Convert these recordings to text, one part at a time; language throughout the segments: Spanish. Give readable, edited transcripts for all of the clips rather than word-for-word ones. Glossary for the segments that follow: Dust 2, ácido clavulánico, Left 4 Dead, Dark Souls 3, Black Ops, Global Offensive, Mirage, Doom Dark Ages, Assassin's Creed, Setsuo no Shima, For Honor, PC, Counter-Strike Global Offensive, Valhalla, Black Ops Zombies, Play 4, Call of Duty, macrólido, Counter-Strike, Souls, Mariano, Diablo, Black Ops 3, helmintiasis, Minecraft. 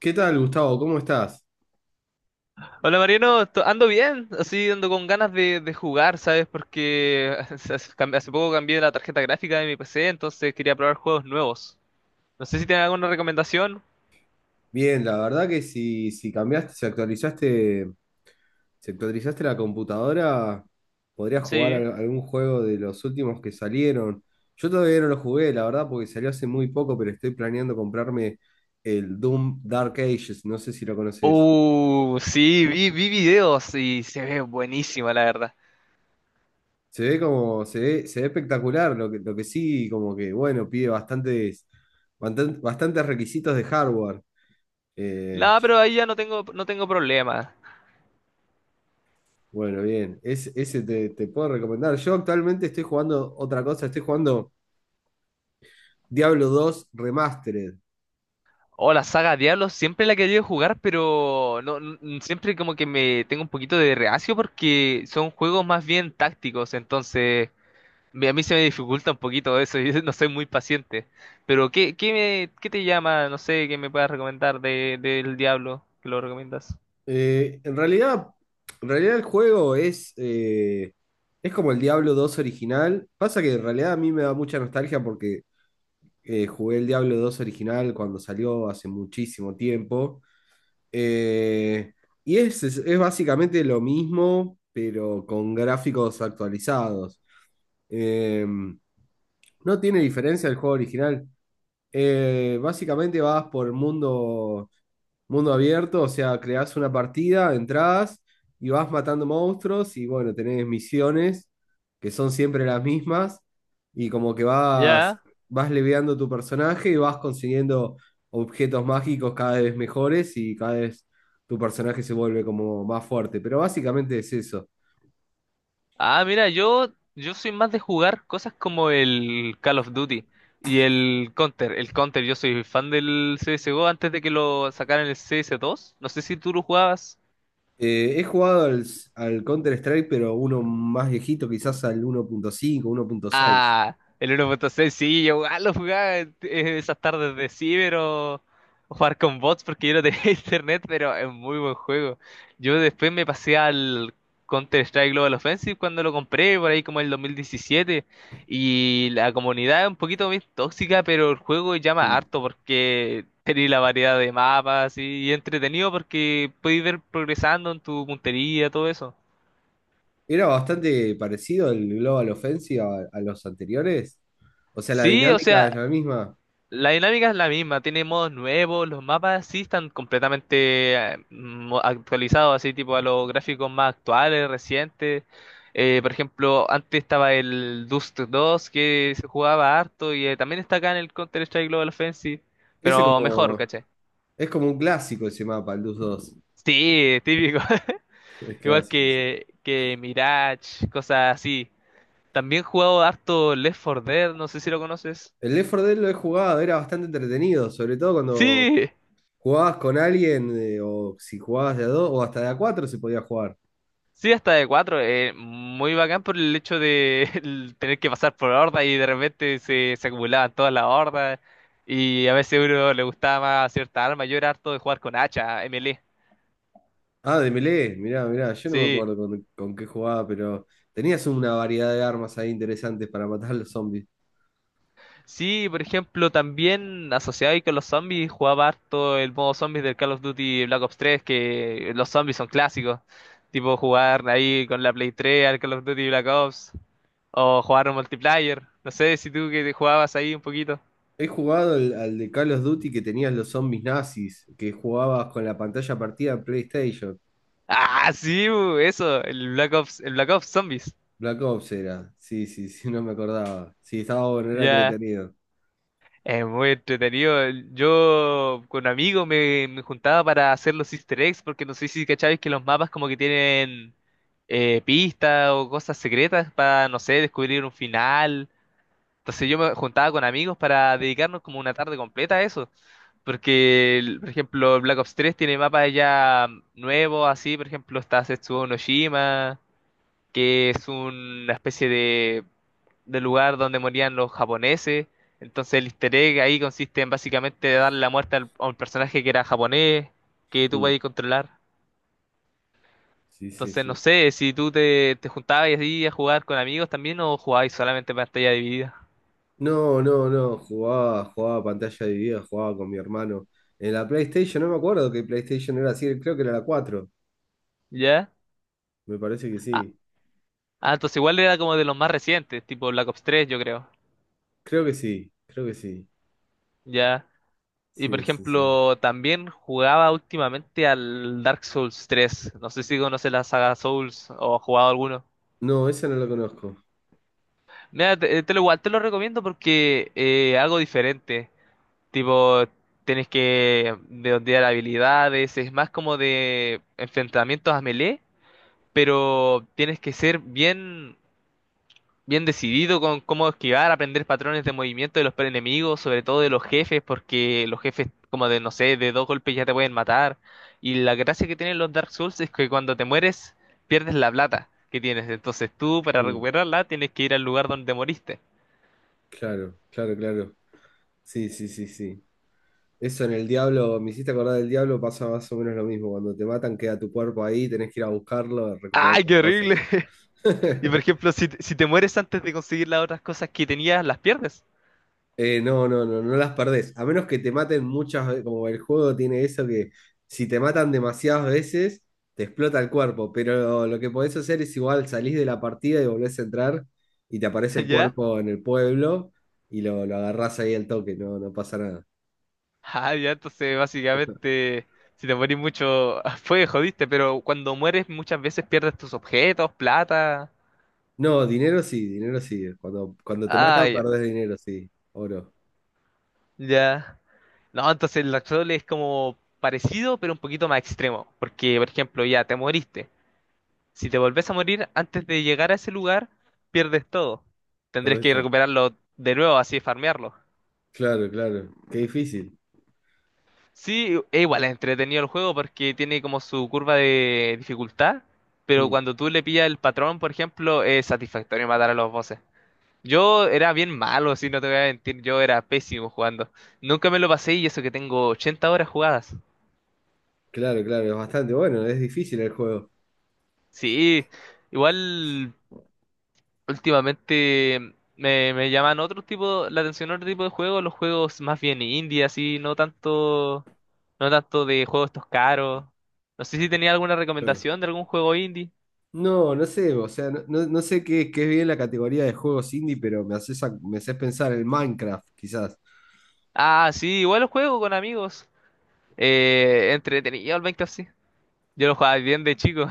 ¿Qué tal, Gustavo? ¿Cómo estás? Hola Mariano, ando bien, así ando con ganas de jugar, ¿sabes? Porque hace poco cambié la tarjeta gráfica de mi PC, entonces quería probar juegos nuevos. No sé si tienen alguna recomendación. Bien, la verdad que si cambiaste, si actualizaste la computadora, podrías jugar Sí. Algún juego de los últimos que salieron. Yo todavía no lo jugué, la verdad, porque salió hace muy poco, pero estoy planeando comprarme el Doom Dark Ages, no sé si lo conoces. Sí, vi videos y se ve buenísima, la verdad. Se ve como, se ve espectacular, lo que sí, como que, bueno, pide bastantes requisitos de hardware. Eh, No, pero ahí ya no tengo, no tengo problema. Bueno, bien. Ese te puedo recomendar. Yo actualmente estoy jugando otra cosa, estoy jugando Diablo 2 Remastered. Oh, la saga Diablo siempre la he querido jugar, pero no, n- siempre como que me tengo un poquito de reacio porque son juegos más bien tácticos, entonces a mí se me dificulta un poquito eso, yo no soy muy paciente. Pero ¿qué te llama? No sé, ¿qué me puedas recomendar de, del Diablo? ¿Que lo recomiendas? Eh, en realidad, en realidad, el juego es como el Diablo 2 original. Pasa que en realidad a mí me da mucha nostalgia porque jugué el Diablo 2 original cuando salió hace muchísimo tiempo. Eh, y es básicamente lo mismo, pero con gráficos actualizados. Em, no tiene diferencia del juego original. Básicamente vas por el mundo, mundo abierto, o sea, creás una partida, entrás y vas matando monstruos y bueno, tenés misiones que son siempre las mismas y como que vas, Ya. vas leveando tu personaje y vas consiguiendo objetos mágicos cada vez mejores y cada vez tu personaje se vuelve como más fuerte. Pero básicamente es eso. Ah, mira, yo soy más de jugar cosas como el Call of Duty y el Counter. El Counter, yo soy fan del CSGO antes de que lo sacaran el CS2. No sé si tú lo jugabas. He jugado al Counter-Strike, pero uno más viejito, quizás al 1.5, 1.6. Ah, el 1.6, sí, yo igual lo jugaba en- esas tardes de ciber o jugar con bots porque yo no tenía internet, pero es muy buen juego. Yo después me pasé al Counter-Strike Global Offensive cuando lo compré, por ahí como el 2017, y la comunidad es un poquito más tóxica, pero el juego llama Mm. harto porque tenéis la variedad de mapas y entretenido porque podéis ver progresando en tu puntería, todo eso. Era bastante parecido el Global Offensive a los anteriores. O sea, la Sí, o dinámica es sea, la misma. la dinámica es la misma, tiene modos nuevos, los mapas sí están completamente actualizados, así tipo a los gráficos más actuales, recientes. Por ejemplo, antes estaba el Dust 2 que se jugaba harto y también está acá en el Counter-Strike Global Offensive, Ese pero mejor, como, ¿cachai? es como un clásico ese mapa, el Dus 2. Sí, típico. Es Igual clásico, sí. Que Mirage, cosas así. También he jugado harto Left 4 Dead, no sé si lo conoces. El Left 4 Dead lo he jugado, era bastante entretenido, sobre todo cuando Sí. jugabas con alguien, o si jugabas de a 2, o hasta de a 4 se podía jugar. Sí, hasta de cuatro. Muy bacán por el hecho de el tener que pasar por hordas y de repente se acumulaban todas las hordas. Y a veces a uno le gustaba más cierta arma. Yo era harto de jugar con hacha, melee. Ah, de melee, mirá, mirá, yo no me Sí. acuerdo con qué jugaba, pero tenías una variedad de armas ahí interesantes para matar a los zombies. Sí, por ejemplo, también asociado ahí con los zombies, jugaba harto el modo zombies del Call of Duty Black Ops tres, que los zombies son clásicos. Tipo jugar ahí con la Play 3 al Call of Duty Black Ops. O jugar un multiplayer. No sé si tú que te jugabas ahí un poquito. He jugado al de Call of Duty que tenías los zombies nazis, que jugabas con la pantalla partida en PlayStation. Ah, sí, bu, eso, el Black Ops Zombies. Black Ops era. Sí, sí, sí, no me acordaba. Sí, estaba bueno, era Ya, entretenido. es muy entretenido. Yo con amigos me juntaba para hacer los Easter eggs, porque no sé si cacháis que los mapas como que tienen pistas o cosas secretas para, no sé, descubrir un final. Entonces yo me juntaba con amigos para dedicarnos como una tarde completa a eso. Porque, por ejemplo, el Black Ops 3 tiene mapas ya nuevos, así, por ejemplo, está Setsuo no Shima, que es una especie de del lugar donde morían los japoneses. Entonces el easter egg ahí consiste en básicamente darle la muerte a un personaje que era japonés, que tú Mm, podías controlar. sí, sí, Entonces no sí. sé si tú te juntabas así a jugar con amigos también o jugabas solamente pantalla dividida. No, no, no, jugaba pantalla dividida, jugaba con mi hermano. En la PlayStation, no me acuerdo que PlayStation era, así, creo que era la 4. ¿Ya? Me parece que Ah, sí. ah, entonces igual era como de los más recientes, tipo Black Ops 3 yo creo. Creo que sí, creo que sí. ¿Ya? Y por Sí, sí, sí. ejemplo, también jugaba últimamente al Dark Souls 3. No sé si conoces la saga Souls o has jugado alguno. No, esa no la conozco. Mira, te lo igual te lo recomiendo porque algo diferente. Tipo, tienes que desbloquear habilidades, es más como de enfrentamientos a melee, pero tienes que ser bien, bien decidido con cómo esquivar, aprender patrones de movimiento de los enemigos, sobre todo de los jefes, porque los jefes como de, no sé, de dos golpes ya te pueden matar. Y la gracia que tienen los Dark Souls es que cuando te mueres, pierdes la plata que tienes. Entonces tú, para Mm, recuperarla, tienes que ir al lugar donde moriste. claro, claro, claro. Sí, sí, sí, sí. Eso en el Diablo, me hiciste acordar del Diablo, pasa más o menos lo mismo. Cuando te matan, queda tu cuerpo ahí, tenés que ir a buscarlo, a recuperar ¡Ay, tus qué horrible! cosas. Y por ejemplo, si te mueres antes de conseguir las otras cosas que tenías, las pierdes. No, no, no, no las perdés. A menos que te maten muchas veces, como el juego tiene eso que si te matan demasiadas veces, te explota el cuerpo. Pero lo que podés hacer es igual, salís de la partida y volvés a entrar y te aparece el ¿Ya? cuerpo en el pueblo y lo agarrás ahí al toque, no, no pasa nada. Ah, ya, entonces básicamente, si te morís mucho, fue, jodiste, pero cuando mueres muchas veces pierdes tus objetos, plata. No, dinero sí, dinero sí. Cuando te Ah, matan, ya. perdés dinero, sí. Oro. Ya. No, entonces el actual es como parecido, pero un poquito más extremo. Porque, por ejemplo, ya te moriste. Si te volvés a morir antes de llegar a ese lugar, pierdes todo. Tendrás Perdés que todo. recuperarlo de nuevo, así farmearlo. Claro, claro. Qué difícil. Sí, e igual es entretenido el juego porque tiene como su curva de dificultad, pero Mm, cuando tú le pillas el patrón, por ejemplo, es satisfactorio matar a los bosses. Yo era bien malo, si no te voy a mentir, yo era pésimo jugando. Nunca me lo pasé y eso que tengo 80 horas jugadas. claro, claro, es bastante bueno, es difícil el juego. Sí, igual últimamente me llaman otro tipo, la atención otro tipo de juegos, los juegos más bien indie, así, no tanto de juegos estos caros. No sé si tenía alguna recomendación de Ah. algún juego indie. No, no sé, o sea, no sé qué es bien la categoría de juegos indie, pero me haces, me haces pensar en Minecraft, quizás. Ah, sí, igual lo juego con amigos. Entretenido el Minecraft, sí. Yo lo jugaba bien de chico.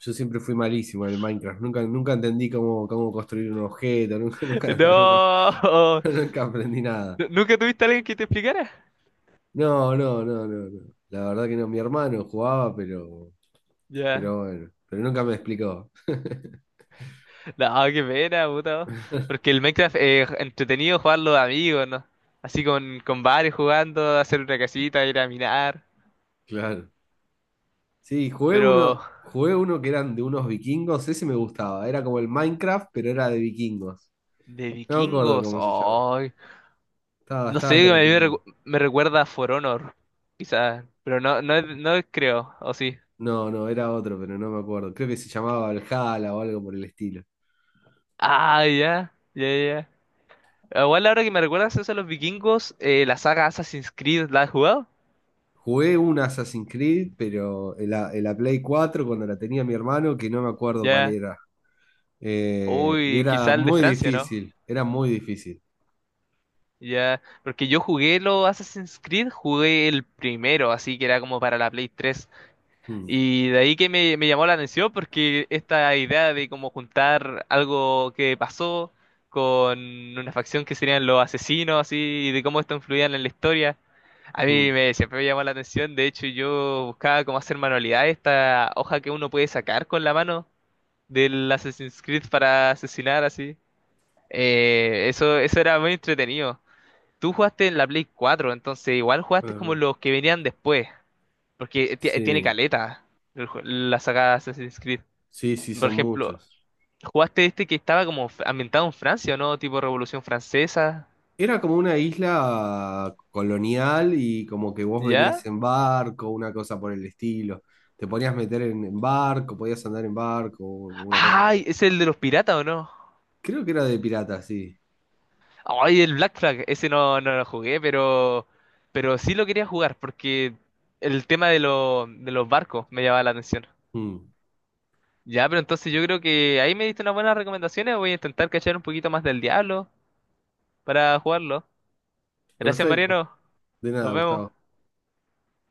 Yo siempre fui malísimo en el Minecraft, nunca entendí cómo construir un objeto, nunca, nunca, nunca, No, nunca aprendí nada. ¿Nunca tuviste a alguien que te explicara? No, no, no, no, no. La verdad que no, mi hermano jugaba, pero, Ya. pero bueno, pero nunca me explicó. No, qué pena, puta. Porque el Minecraft es entretenido jugarlo de amigos, ¿no? Así con varios jugando, hacer una casita, ir a minar. Claro. Sí, jugué Pero uno, jugué uno que eran de unos vikingos, ese me gustaba. Era como el Minecraft, pero era de vikingos. de No me acuerdo vikingos, cómo se llama. ay. Estaba No bastante sé, a mí me, entretenido. recu- me recuerda a For Honor, quizás. Pero no, no, no creo, o sí. No, no, era otro, pero no me acuerdo. Creo que se llamaba Valhalla o algo por el estilo. Ah, ya, ya, ya. Ah, igual ahora que me recuerdas eso de los vikingos, la saga Assassin's Creed, ¿la has jugado? Jugué un Assassin's Creed, pero en la Play 4 cuando la tenía mi hermano, que no me acuerdo cuál Ya. era. Y Uy, era quizá el de muy Francia, ¿no? difícil, era muy difícil. Ya. Porque yo jugué los Assassin's Creed, jugué el primero, así que era como para la Play 3. Mm, Y de ahí que me llamó la atención porque esta idea de como juntar algo que pasó con una facción que serían los asesinos, así, y de cómo esto influía en la historia. Mm. Siempre me llamó la atención, de hecho yo buscaba cómo hacer manualidades, esta hoja que uno puede sacar con la mano del Assassin's Creed para asesinar así. Eso era muy entretenido. Tú jugaste en la Play 4, entonces igual jugaste Bueno, como pero- los que venían después, porque tiene Sí, caleta la saga Assassin's Creed. sí, sí, Por son ejemplo, muchos. jugaste este que estaba como ambientado en Francia, ¿o ¿no? Tipo Revolución Francesa, Era como una isla colonial y como que vos venías ¿ya? en barco, una cosa por el estilo. Te podías meter en barco, podías andar en barco, una cosa por el- Ay, es el de los piratas, ¿o no? Creo que era de pirata, sí. Ay, el Black Flag, ese no, no lo jugué, pero sí lo quería jugar porque el tema de los barcos me llamaba la atención. Mm. Ya, pero entonces yo creo que ahí me diste unas buenas recomendaciones. Voy a intentar cachar un poquito más del diablo para jugarlo. Gracias, Perfecto. Mariano. De Nos nada, vemos. Gustavo.